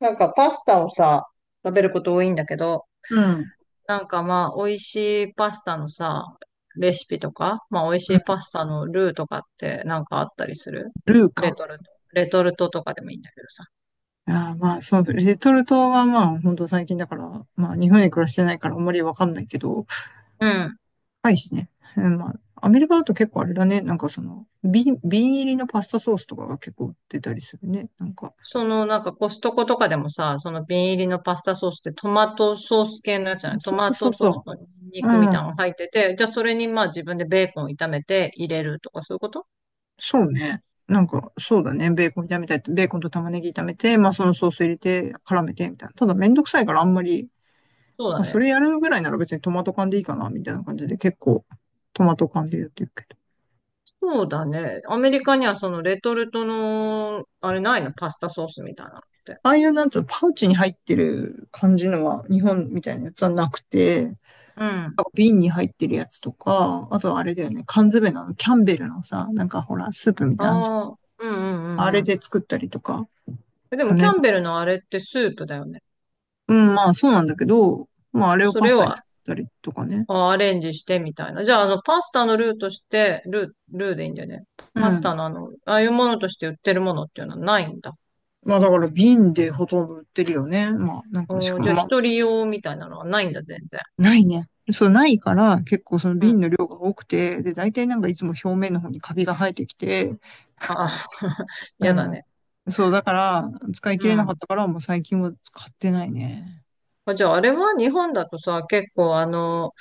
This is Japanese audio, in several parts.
なんかパスタをさ、食べること多いんだけど、うん。なんか美味しいパスタのさ、レシピとか、美味しういん。パスタのルーとかってなんかあったりする？ルーレか。トルト。レトルトとかでもいいんだけどさ。あーそう、レトルトは本当最近だから、日本に暮らしてないからあんまりわかんないけど、うん。高いしね。うんまアメリカだと結構あれだね。瓶入りのパスタソースとかが結構売ってたりするね。なんか、そのなんかコストコとかでもさ、その瓶入りのパスタソースってトマトソース系のやつじゃない？トそうマそうそうトソースそとニンニう。クみうたいん。なのが入ってて、じゃあそれに自分でベーコンを炒めて入れるとかそういうこと？そうね。なんか、そうだうね。ん、ベーコン炒めたい。ベーコンと玉ねぎ炒めて、そのソース入れて、絡めて、みたいな。ただ、めんどくさいからあんまり、そうだね。それやるぐらいなら別にトマト缶でいいかな、みたいな感じで、結構、トマト缶でやってるけど。そうだね。アメリカにはそのレトルトの、あれないの？パスタソースみたいなのって。ああいうなんつうの、パウチに入ってる感じのは、日本みたいなやつはなくて、うん。瓶に入ってるやつとか、あとはあれだよね、缶詰のキャンベルのさ、なんかほら、スープみたいなのあんじああ、うんうゃんん、あうんれうん。で作ったりとかえ、でかもキね。ャンベルのあれってスープだよね。うん、そうなんだけど、あれをそパれスタをに作ったりとかね。アレンジしてみたいな。じゃあ、パスタのルーとして、ルーでいいんだよね。うパスん。タのああいうものとして売ってるものっていうのはないんだ。だから瓶でほとんど売ってるよね。まあなんかしうかん、じも、ゃあ、まあ、一人用みたいなのはないんだ、全然。ないね。そう、ないから結構そのうん。あ瓶の量が多くて、で、大体なんかいつも表面の方にカビが生えてきて、あ、うやだね。ん。そう、だから、使い切うれなかっん。たから、もう最近は買ってないね。あ、じゃあ、あれは日本だとさ、結構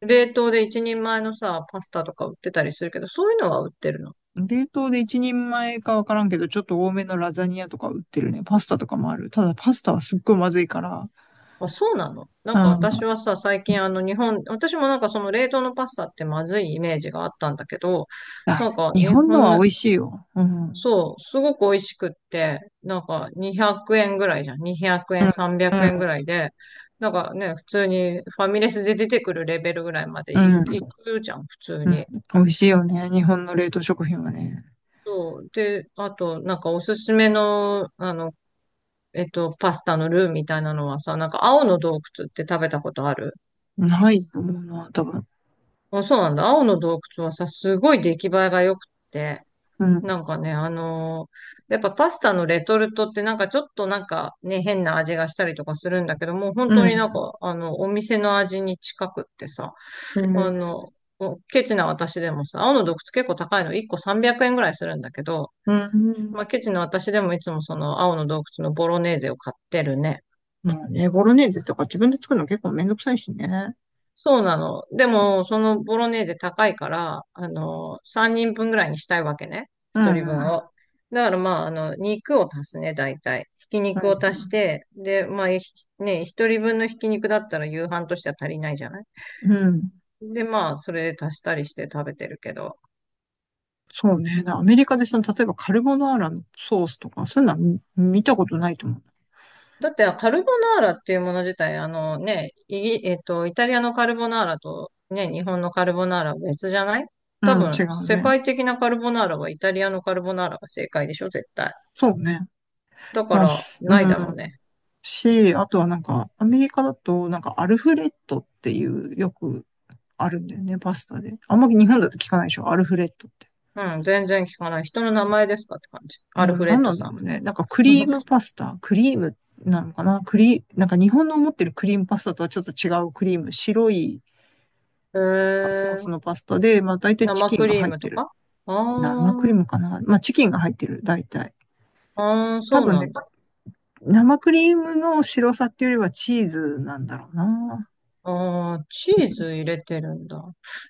冷凍で一人前のさ、パスタとか売ってたりするけど、そういうのは売ってるの？冷凍で一人前かわからんけど、ちょっと多めのラザニアとか売ってるね。パスタとかもある。ただパスタはすっごいまずいから。あ、そうなの？なうんかん。私はさ、最近あの日本、私もなんかその冷凍のパスタってまずいイメージがあったんだけど、あ、なんか日日本の本はの、美味しいよ。うん。そう、すごく美味しくって、なんか200円ぐらいじゃん。200円、う300円ぐん。らいで、なんかね、普通にファミレスで出てくるレベルぐらいまでういん。くじゃん、普通うん。に。美味しいよね。日本の冷凍食品はね。そう。で、あと、なんかおすすめの、パスタのルーみたいなのはさ、なんか青の洞窟って食べたことある？ないと思うな、多分。あ、そうなんだ。青の洞窟はさ、すごい出来栄えが良くって、うん。なんかね、やっぱパスタのレトルトってなんかちょっとなんかね、変な味がしたりとかするんだけど、もう本う当になんん。か、お店の味に近くってさ、うあん。の、おケチな私でもさ、青の洞窟結構高いの、1個300円ぐらいするんだけど、うん。まあ、ケチな私でもいつもその青の洞窟のボロネーゼを買ってるね。まあね、ボロネーゼとか自分で作るの結構めんどくさいしね。そうなの。でも、そのボロネーゼ高いから、3人分ぐらいにしたいわけね。う1人分ん。うん。を。だからまあ、肉を足すね、大体。ひきう肉を足しん。て、で、まあ、1人分のひき肉だったら夕飯としては足りないじゃない？うん。で、まあ、それで足したりして食べてるけど。そうね。なアメリカでその、例えばカルボナーラのソースとか、そういうのは見たことないと思う。だって、カルボナーラっていうもの自体、あのね、イギ、えっと、イタリアのカルボナーラとね、日本のカルボナーラは別じゃない？う多ん、違分、う世ね。界的なカルボナーラはイタリアのカルボナーラが正解でしょ、絶対。そうね。だかまあ、ら、すうないだろうね。ん。し、あとはなんか、アメリカだと、なんかアルフレッドっていう、よくあるんだよね、パスタで。あんまり日本だと聞かないでしょ、アルフレッドって。うん、全然聞かない。人の名前ですかって感じ。うアルん、フレなんッドなんださろうね。クリームなのかなクリ、なんか日本の思ってるクリームパスタとはちょっと違うクリーム、白いん。へソースのえ、パスタで、まあ大体チ生キンクがリー入っムてとる。か？あ生クリーー、ムかな、まあ、チキンが入ってる、大体。あー、多そう分なね、んだ。生クリームの白さっていうよりはチーズなんだろうな。あー、チーズ入れてるんだ。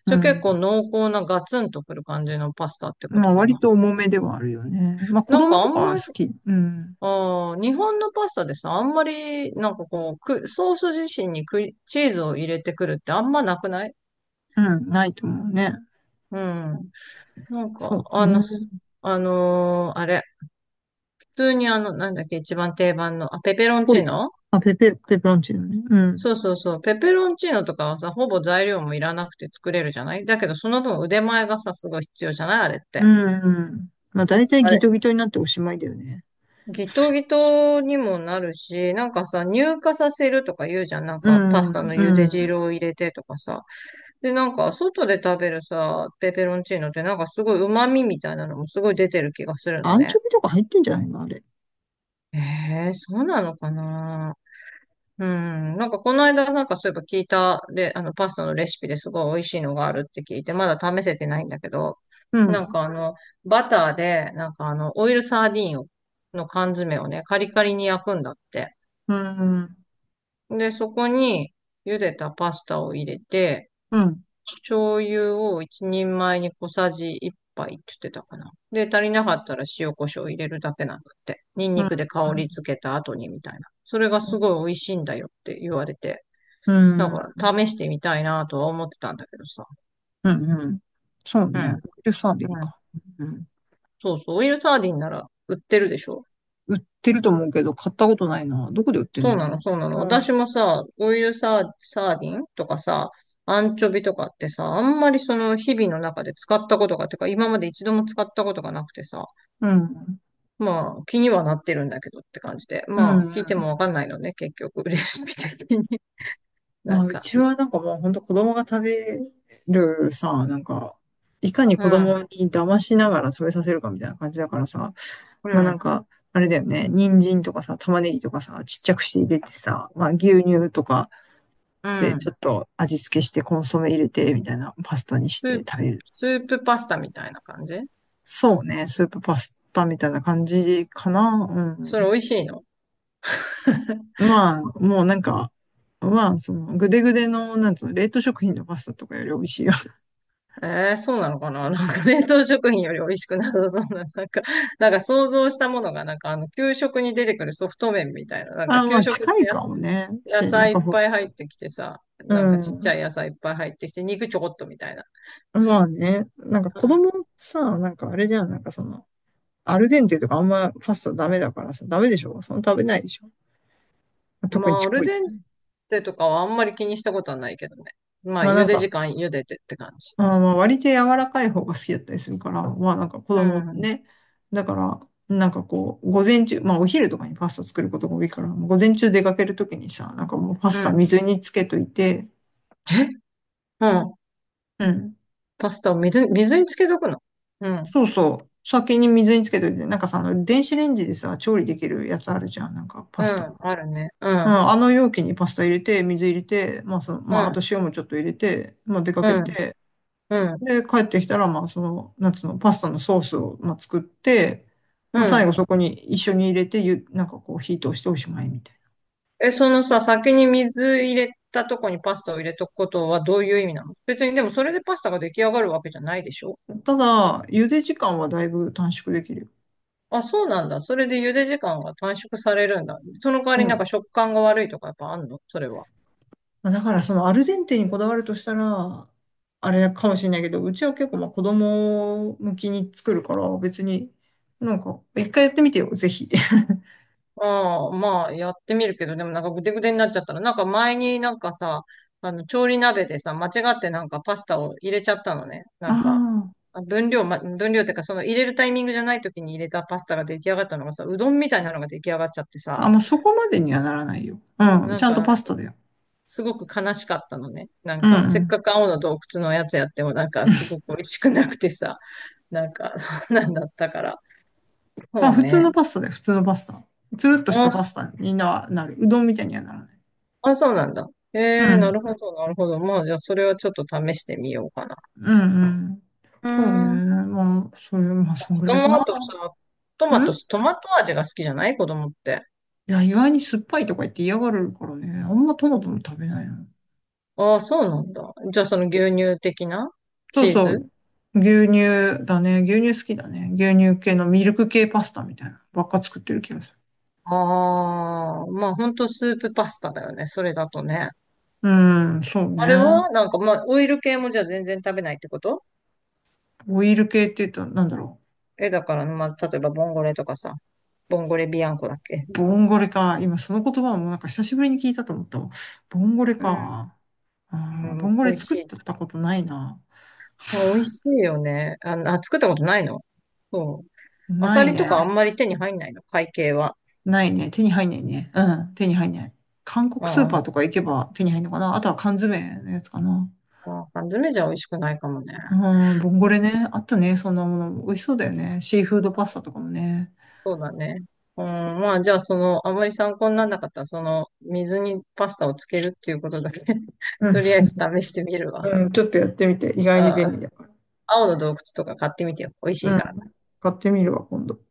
うじゃあ結構ん。濃厚なガツンとくる感じのパスタってこまとあ、か割な。と重めではあるよね。まあ、子なんか供あとかんはま好り、き。うん。あー、日本のパスタでさ、あんまり、なんかこう、ソース自身にクリチーズを入れてくるってあんまなくない？うん、ないと思うね。うん。なんそか、うかね。あれ、普通になんだっけ、一番定番の、あ、ペペロナンポチリータン。ノ。まあ、ペペロンチーノね。うん。そうそうそう。ペペロンチーノとかはさ、ほぼ材料もいらなくて作れるじゃない？だけど、その分腕前がさ、すごい必要じゃない、あれっうて。ん、うん。まあ、大体あギれ、トギトになっておしまいだよね。ギトギトにもなるし、なんかさ、乳化させるとか言うじゃん。なんうか、パスタん、のう茹でん。汁を入れてとかさ。で、なんか、外で食べるさ、ペペロンチーノってなんかすごい旨味みたいなのもすごい出てる気がするのアンね。チョビとか入ってんじゃないのあれ。えー、そうなのかな？うん。なんかこの間なんかそういえば聞いたレ、あのパスタのレシピですごい美味しいのがあるって聞いて、まだ試せてないんだけど、うなんん、かあの、バターで、なんかあの、オイルサーディンを、の缶詰をね、カリカリに焼くんだって。うん、うん、で、そこに茹でたパスタを入れて、うん、醤油を一人前に小さじ一杯って言ってたかな。で、足りなかったら塩コショウ入れるだけなんだって。ニンうニん、クで香り付けた後にみたいな。それがすごい美味しいんだよって言われて。うなんん。か、試してみたいなとは思ってたんだけどさ。うんうん。そううね。ん。オイルサーディンうん。か。うん。そうそう。オイルサーディンなら売ってるでしょ。売ってると思うけど、買ったことないな。どこで売ってんそのうかなの、そうなの。な。う私ん。もさ、オイルサー、サーディンとかさ、アンチョビとかってさ、あんまりその日々の中で使ったことが、てか今まで一度も使ったことがなくてさ、うん。まあ気にはなってるんだけどって感じで、うん。まあ聞いてもわんかんないのね、結局、レシピ的に。なんうか、ちはなんかもう本当子供が食べるさ、なんか、いかにう子供ん、に騙しながら食べさせるかみたいな感じだからさ、うまあなん、んか、あれだよね、人参とかさ、玉ねぎとかさ、ちっちゃくして入れてさ、まあ牛乳とかうでちょん。っと味付けしてコンソメ入れてみたいなパスタにしスてープ、食べる。スープパスタみたいな感じ？そうね、スープパスタみたいな感じかな。うそれん。美味しいの？まあ、もうなんか、まあ、その、ぐでぐでの、なんつうの、冷凍食品のパスタとかより美味しいよ。えー、そうなのかな？ なんか冷凍食品より美味しくなさそうな、なんか、なんか想像したものが、なんかあの、給食に出てくるソフト麺みたいな、なんかあ、ま給あ、食っ近ていやかす、もね。野し、なん菜いかっほ、ぱい入ってきてさ、うなんかちっちん。ゃい野菜いっぱい入ってきて、肉ちょこっとみたいな。まあね、なんか子供うさ、なんかあれじゃん、なんかその、アルデンテとかあんまパスタダメだからさ、ダメでしょ、その食べないでしょん、特まにちあ、っアルこい。デンテとかはあんまり気にしたことはないけどね。まあ、まあな茹んでか、時間茹でてって感じ。まあーまあ割と柔らかい方が好きだったりするから、まあなんか子う供ん。ね。だから、なんかこう、午前中、まあお昼とかにパスタ作ることが多いから、午前中出かけるときにさ、なんかもうパうスタん。水につけといて、え、うん。うん。パスタを水につけとくの？うん。そうそう。先に水につけといて、なんかさ、あの電子レンジでさ、調理できるやつあるじゃん、なんかパうスタ。ん。あるね。ううん、ん。あの容器にパスタ入れて、水入れて、うまああとん。塩もちょっと入れて、まあ出かうけん。て、うん。で、帰ってきたら、まあ、その、なんつうの、パスタのソースを、まあ、作って、うまあ、最ん。後そこに一緒に入れて、なんかこう、火通しておしまいみたいえ、そのさ、先に水入れたとこにパスタを入れとくことはどういう意味なの？別にでもそれでパスタが出来上がるわけじゃないでしょ？な。ただ、茹で時間はだいぶ短縮できるよ。あ、そうなんだ。それで茹で時間が短縮されるんだ。その代わうりなんかん。食感が悪いとかやっぱあんの、それは？まあだから、その、アルデンテにこだわるとしたら、あれかもしれないけど、うちは結構、まあ、子供向きに作るから、別に、なんか、一回やってみてよ、ぜひ。ああ、まあやってみるけど、でもなんかぐでぐでになっちゃったら、なんか前になんかさ、調理鍋でさ、間違ってなんかパスタを入れちゃったのね。なんか、あ分量ってかその入れるタイミングじゃない時に入れたパスタが出来上がったのがさ、うどんみたいなのが出来上がっちゃってあ。さ、あ、まあ、そこまでにはならないよ。うん。なちんゃんとか、パスタだよ。すごく悲しかったのね。なんうんうか、せっん。かく青の洞窟のやつやっても、なんか、すごく美味しくなくてさ、なんか、そんなんだったから。まそあ、う普通ね。のパスタだよ、普通のパスタ。つるっとしたあ、パそスタにな、なる。うどんみたいにはならない。あ、そうなんだ。うええ、なるん。ほど、なるほど。まあ、じゃあ、それはちょっと試してみようかな。うんうん。うそうね。ーん。まあ、それ、まあ、そん子ぐらい供かはな。あとさ、うん、トマト味が好きじゃない、子供って。いや、意外に酸っぱいとか言って嫌がるからね。あんまトマトも食べないな。ああ、そうなんだ。じゃあ、その牛乳的な、そうチーそズ？う。牛乳だね。牛乳好きだね。牛乳系のミルク系パスタみたいなのばっか作ってる気がする。ああまあ、ほんとスープパスタだよね。それだとね。うん、そうあれね。はなんか、まあ、オイル系もじゃあ全然食べないってこと？オイル系って言うと、なんだろえ、だから、まあ、例えば、ボンゴレとかさ、ボンゴレビアンコだっけ？う。ボンゴレか。今その言葉もなんか久しぶりに聞いたと思ったわ。ボンゴレうん、か。うああ、ボん、ンゴ美レ味し作っい。たことないな。美味しいよね。あ、あ、作ったことないの？そう。アなサいリとかあんね。まり手に入んないの、会計は？ないね。手に入んないね。うん、手に入んない。韓国あスーパーあ、とか行けば手に入るのかな。あとは缶詰のやつかな。ああ、缶詰じゃ美味しくないかもね。うん、ボンゴレね。あったね。そんなもの。美味しそうだよね。シーフードパスタとかもね。そうだね。うん、まあ、じゃあ、その、あまり参考にならなかったら、その、水にパスタをつけるっていうことだけ うん、とりあえず試してみるわ。うん、ちょっとやってみて。意外にああ、便利だか青の洞窟とか買ってみてよ。美味しら。いうから。ん、買ってみるわ、今度。